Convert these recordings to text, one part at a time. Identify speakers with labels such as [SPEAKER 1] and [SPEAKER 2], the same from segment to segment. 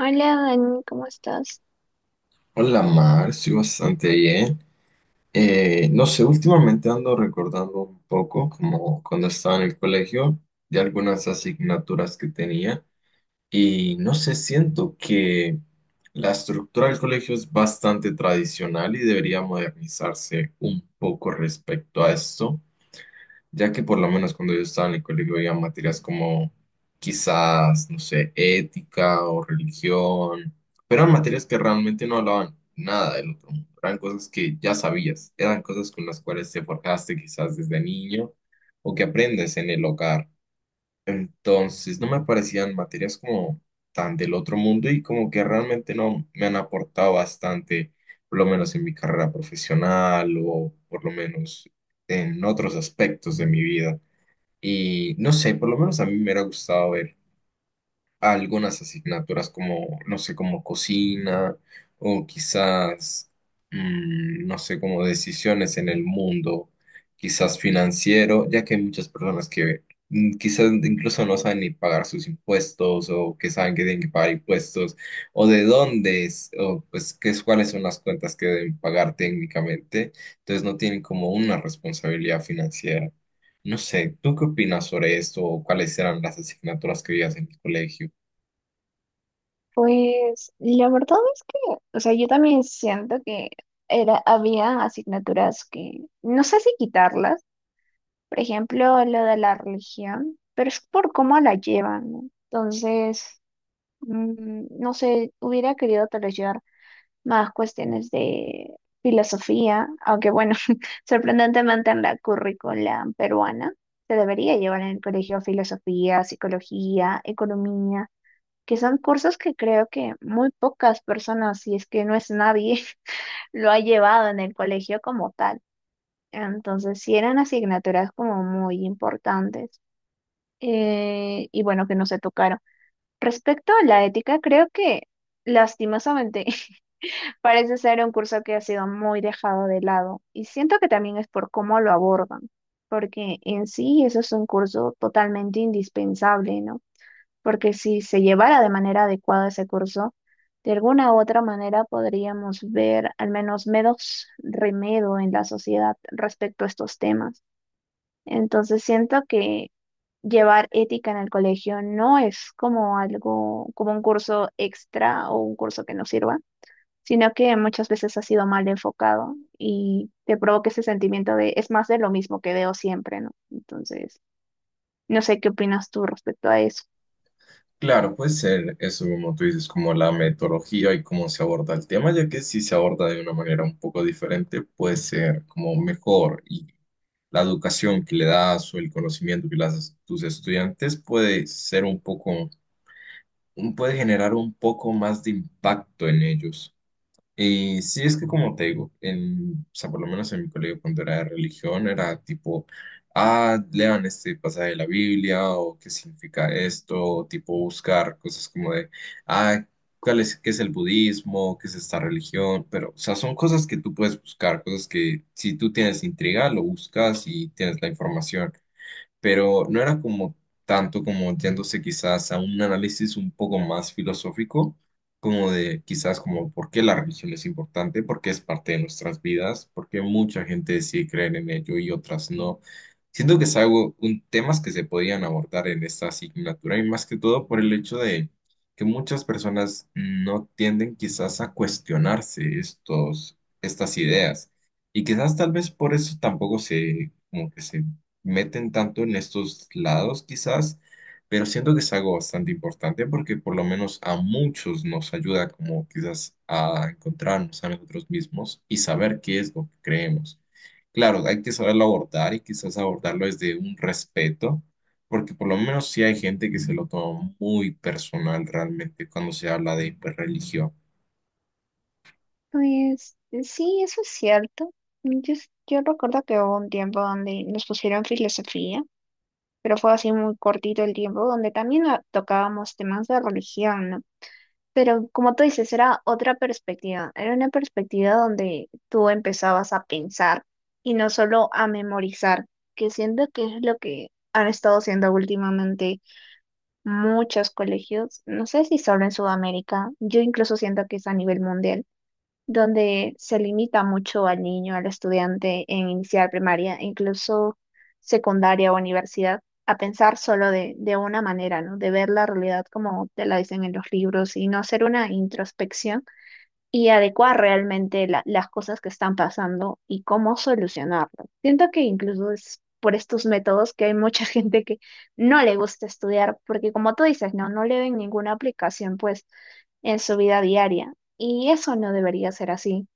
[SPEAKER 1] Hola Dani, ¿cómo estás?
[SPEAKER 2] Hola Mar, estoy bastante bien. No sé, últimamente ando recordando un poco como cuando estaba en el colegio de algunas asignaturas que tenía y no sé, siento que la estructura del colegio es bastante tradicional y debería modernizarse un poco respecto a esto, ya que por lo menos cuando yo estaba en el colegio había materias como quizás, no sé, ética o religión, pero eran materias que realmente no hablaban nada del otro mundo, eran cosas que ya sabías, eran cosas con las cuales te forjaste quizás desde niño o que aprendes en el hogar. Entonces, no me parecían materias como tan del otro mundo y como que realmente no me han aportado bastante, por lo menos en mi carrera profesional o por lo menos en otros aspectos de mi vida. Y no sé, por lo menos a mí me hubiera gustado ver a algunas asignaturas como, no sé, como cocina o quizás, no sé, como decisiones en el mundo, quizás financiero, ya que hay muchas personas que quizás incluso no saben ni pagar sus impuestos o que saben que tienen que pagar impuestos o de dónde es, o pues cuáles son las cuentas que deben pagar técnicamente, entonces no tienen como una responsabilidad financiera. No sé, ¿tú qué opinas sobre esto o cuáles eran las asignaturas que veías en el colegio?
[SPEAKER 1] Pues la verdad es que, o sea, yo también siento que era, había asignaturas que no sé si quitarlas, por ejemplo, lo de la religión, pero es por cómo la llevan, ¿no? Entonces, no sé, hubiera querido tal vez llevar más cuestiones de filosofía, aunque bueno, sorprendentemente en la currícula peruana se debería llevar en el colegio filosofía, psicología, economía, que son cursos que creo que muy pocas personas, si es que no es nadie, lo ha llevado en el colegio como tal. Entonces, sí eran asignaturas como muy importantes, y bueno, que no se tocaron. Respecto a la ética, creo que lastimosamente parece ser un curso que ha sido muy dejado de lado y siento que también es por cómo lo abordan, porque en sí eso es un curso totalmente indispensable, ¿no? Porque si se llevara de manera adecuada ese curso, de alguna u otra manera podríamos ver al menos menos remedio en la sociedad respecto a estos temas. Entonces siento que llevar ética en el colegio no es como algo, como un curso extra o un curso que no sirva, sino que muchas veces ha sido mal enfocado y te provoca ese sentimiento de es más de lo mismo que veo siempre, ¿no? Entonces, no sé qué opinas tú respecto a eso.
[SPEAKER 2] Claro, puede ser eso como tú dices, como la metodología y cómo se aborda el tema, ya que si se aborda de una manera un poco diferente, puede ser como mejor y la educación que le das o el conocimiento que le das a tus estudiantes puede ser un poco, puede generar un poco más de impacto en ellos. Y sí, es que como te digo, o sea, por lo menos en mi colegio cuando era de religión, era tipo, ah, lean este pasaje de la Biblia o qué significa esto, o tipo buscar cosas como de, ah, ¿cuál es, qué es el budismo, qué es esta religión? Pero, o sea, son cosas que tú puedes buscar, cosas que si tú tienes intriga, lo buscas y tienes la información, pero no era como tanto como yéndose quizás a un análisis un poco más filosófico, como de quizás como por qué la religión es importante, por qué es parte de nuestras vidas, por qué mucha gente decide creer en ello y otras no. Siento que es algo, temas que se podían abordar en esta asignatura y más que todo por el hecho de que muchas personas no tienden quizás a cuestionarse estas ideas. Y quizás tal vez por eso tampoco como que se meten tanto en estos lados quizás, pero siento que es algo bastante importante porque por lo menos a muchos nos ayuda como quizás a encontrarnos a nosotros mismos y saber qué es lo que creemos. Claro, hay que saberlo abordar y quizás abordarlo desde un respeto, porque por lo menos sí hay gente que se lo toma muy personal realmente cuando se habla de pues, religión.
[SPEAKER 1] Pues sí, eso es cierto. Mm, Yo, yo recuerdo que hubo un tiempo donde nos pusieron filosofía, pero fue así muy cortito el tiempo, donde también tocábamos temas de religión, ¿no? Pero como tú dices, era otra perspectiva, era una perspectiva donde tú empezabas a pensar y no solo a memorizar, que siento que es lo que han estado haciendo últimamente muchos colegios, no sé si solo en Sudamérica, yo incluso siento que es a nivel mundial, donde se limita mucho al niño, al estudiante en iniciar primaria, e incluso secundaria o universidad, a pensar solo de una manera, ¿no? De ver la realidad como te la dicen en los libros y no hacer una introspección y adecuar realmente las cosas que están pasando y cómo solucionarlo. Siento que incluso es por estos métodos que hay mucha gente que no le gusta estudiar, porque como tú dices, no, no le ven ninguna aplicación pues en su vida diaria. Y eso no debería ser así.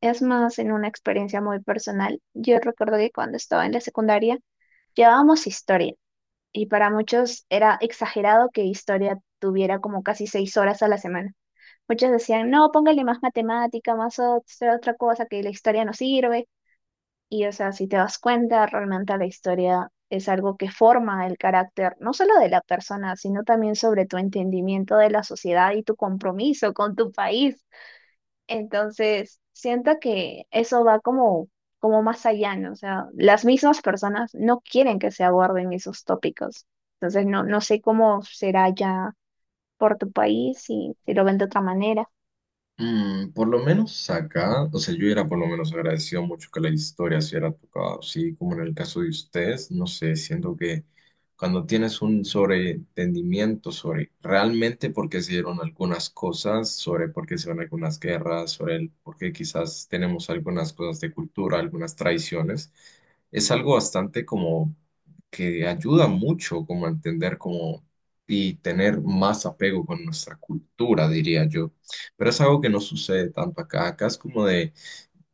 [SPEAKER 1] Es más, en una experiencia muy personal, yo recuerdo que cuando estaba en la secundaria llevábamos historia y para muchos era exagerado que historia tuviera como casi 6 horas a la semana. Muchos decían, no, póngale más matemática, más otra cosa, que la historia no sirve. Y, o sea, si te das cuenta, realmente la historia es algo que forma el carácter, no solo de la persona, sino también sobre tu entendimiento de la sociedad y tu compromiso con tu país. Entonces, siento que eso va como, como más allá, ¿no? O sea, las mismas personas no quieren que se aborden esos tópicos. Entonces, no, no sé cómo será ya por tu país, si lo ven de otra manera.
[SPEAKER 2] Mm, por lo menos acá, o sea, yo era por lo menos agradecido mucho que la historia se hubiera tocado, así como en el caso de ustedes, no sé, siento que cuando tienes un sobreentendimiento sobre realmente por qué se dieron algunas cosas, sobre por qué se van algunas guerras, sobre el por qué quizás tenemos algunas cosas de cultura, algunas tradiciones, es algo bastante como que ayuda mucho como a entender como y tener más apego con nuestra cultura, diría yo. Pero es algo que no sucede tanto acá. Acá es como de,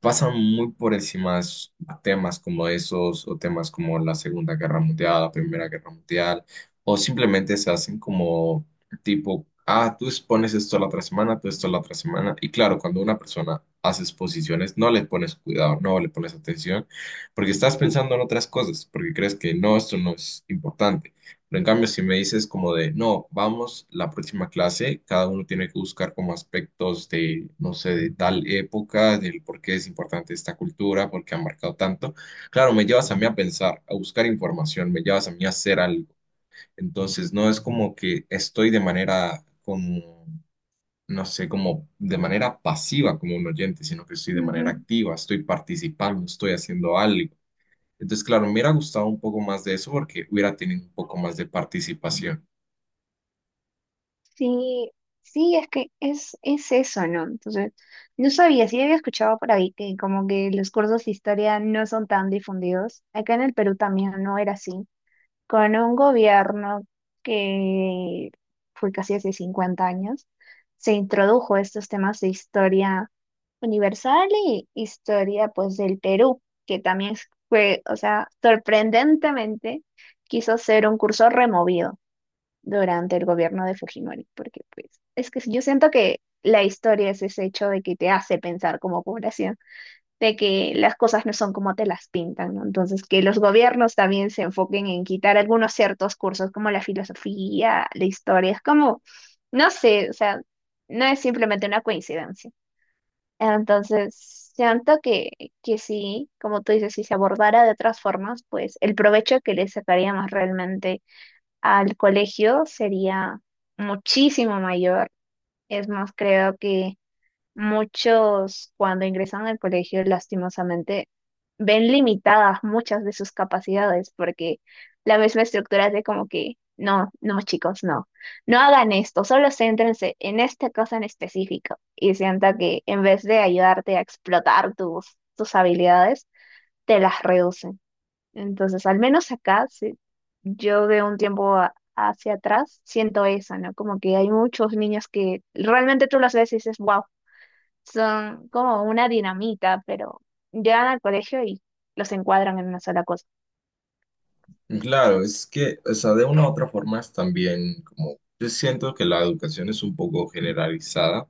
[SPEAKER 2] pasan muy por encima de esos temas como esos, o temas como la Segunda Guerra Mundial, la Primera Guerra Mundial, o simplemente se hacen como tipo, ah, tú expones esto la otra semana, tú esto la otra semana. Y claro, cuando una persona hace exposiciones, no le pones cuidado, no le pones atención, porque estás pensando en otras cosas, porque crees que no, esto no es importante. Pero en cambio, si me dices como de, no, vamos, la próxima clase, cada uno tiene que buscar como aspectos de, no sé, de tal época, del por qué es importante esta cultura, por qué ha marcado tanto. Claro, me llevas a mí a pensar, a buscar información, me llevas a mí a hacer algo. Entonces, no es como que estoy de manera, como, no sé, como de manera pasiva como un oyente, sino que estoy de manera
[SPEAKER 1] Ujú.
[SPEAKER 2] activa, estoy participando, estoy haciendo algo. Entonces, claro, me hubiera gustado un poco más de eso porque hubiera tenido un poco más de participación.
[SPEAKER 1] Sí, sí, es que es eso, ¿no? Entonces, no sabía, sí había escuchado por ahí que como que los cursos de historia no son tan difundidos. Acá en el Perú también no era así. Con un gobierno que fue casi hace 50 años, se introdujo estos temas de historia universal y historia pues del Perú, que también fue, o sea, sorprendentemente quiso ser un curso removido durante el gobierno de Fujimori, porque pues es que yo siento que la historia es ese hecho de que te hace pensar como población, de que las cosas no son como te las pintan, ¿no? Entonces, que los gobiernos también se enfoquen en quitar algunos ciertos cursos como la filosofía, la historia, es como, no sé, o sea, no es simplemente una coincidencia. Entonces, siento que sí, como tú dices, si se abordara de otras formas, pues el provecho que le sacaríamos realmente al colegio sería muchísimo mayor. Es más, creo que muchos cuando ingresan al colegio, lastimosamente, ven limitadas muchas de sus capacidades porque la misma estructura es de como que, no, no, chicos, no, no hagan esto, solo céntrense en esta cosa en específico y sienta que en vez de ayudarte a explotar tus habilidades, te las reducen. Entonces, al menos acá, sí, yo de un tiempo hacia atrás siento eso, ¿no? Como que hay muchos niños que realmente tú los ves y dices, wow, son como una dinamita, pero llegan al colegio y los encuadran en una sola cosa.
[SPEAKER 2] Claro, es que, o sea, de una u otra forma es también como, yo siento que la educación es un poco generalizada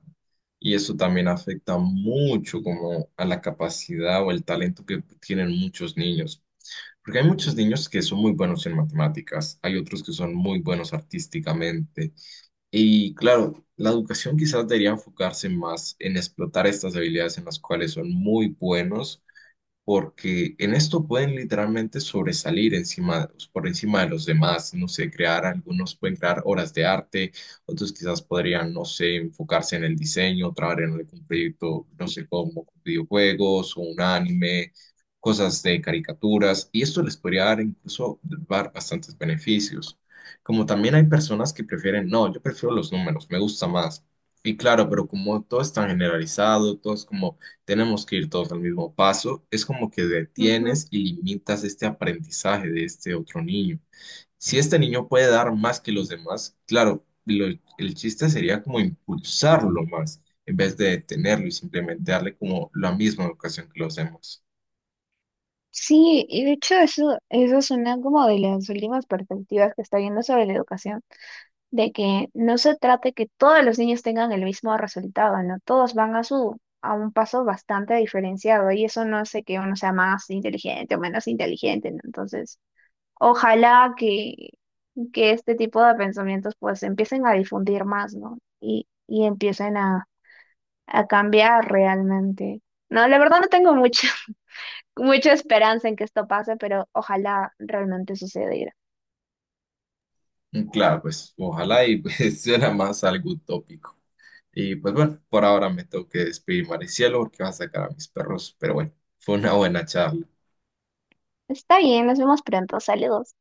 [SPEAKER 2] y eso también afecta mucho como a la capacidad o el talento que tienen muchos niños. Porque hay muchos niños que son muy buenos en matemáticas, hay otros que son muy buenos artísticamente. Y claro, la educación quizás debería enfocarse más en explotar estas habilidades en las cuales son muy buenos, porque en esto pueden literalmente sobresalir encima, por encima de los demás, no sé, crear, algunos pueden crear obras de arte, otros quizás podrían, no sé, enfocarse en el diseño, trabajar en algún proyecto, no sé, como videojuegos o un anime, cosas de caricaturas, y esto les podría dar incluso dar bastantes beneficios. Como también hay personas que prefieren, no, yo prefiero los números, me gusta más. Y claro, pero como todo es tan generalizado, todo es como tenemos que ir todos al mismo paso, es como que
[SPEAKER 1] Ujú.
[SPEAKER 2] detienes y limitas este aprendizaje de este otro niño. Si este niño puede dar más que los demás, el chiste sería como impulsarlo más, en vez de detenerlo y simplemente darle como la misma educación que los demás.
[SPEAKER 1] Sí, y de hecho eso es una como de las últimas perspectivas que está viendo sobre la educación, de que no se trate que todos los niños tengan el mismo resultado, ¿no? Todos van a a un paso bastante diferenciado y eso no hace que uno sea más inteligente o menos inteligente, ¿no? Entonces, ojalá que este tipo de pensamientos pues empiecen a difundir más, ¿no? Y empiecen a cambiar realmente. No, la verdad no tengo mucha, mucha esperanza en que esto pase, pero ojalá realmente sucediera.
[SPEAKER 2] Y claro, pues ojalá y pues, suena más algo utópico. Y pues bueno, por ahora me tengo que despedir, Maricielo, porque va a sacar a mis perros, pero bueno, fue una buena charla.
[SPEAKER 1] Está bien, nos vemos pronto. Saludos.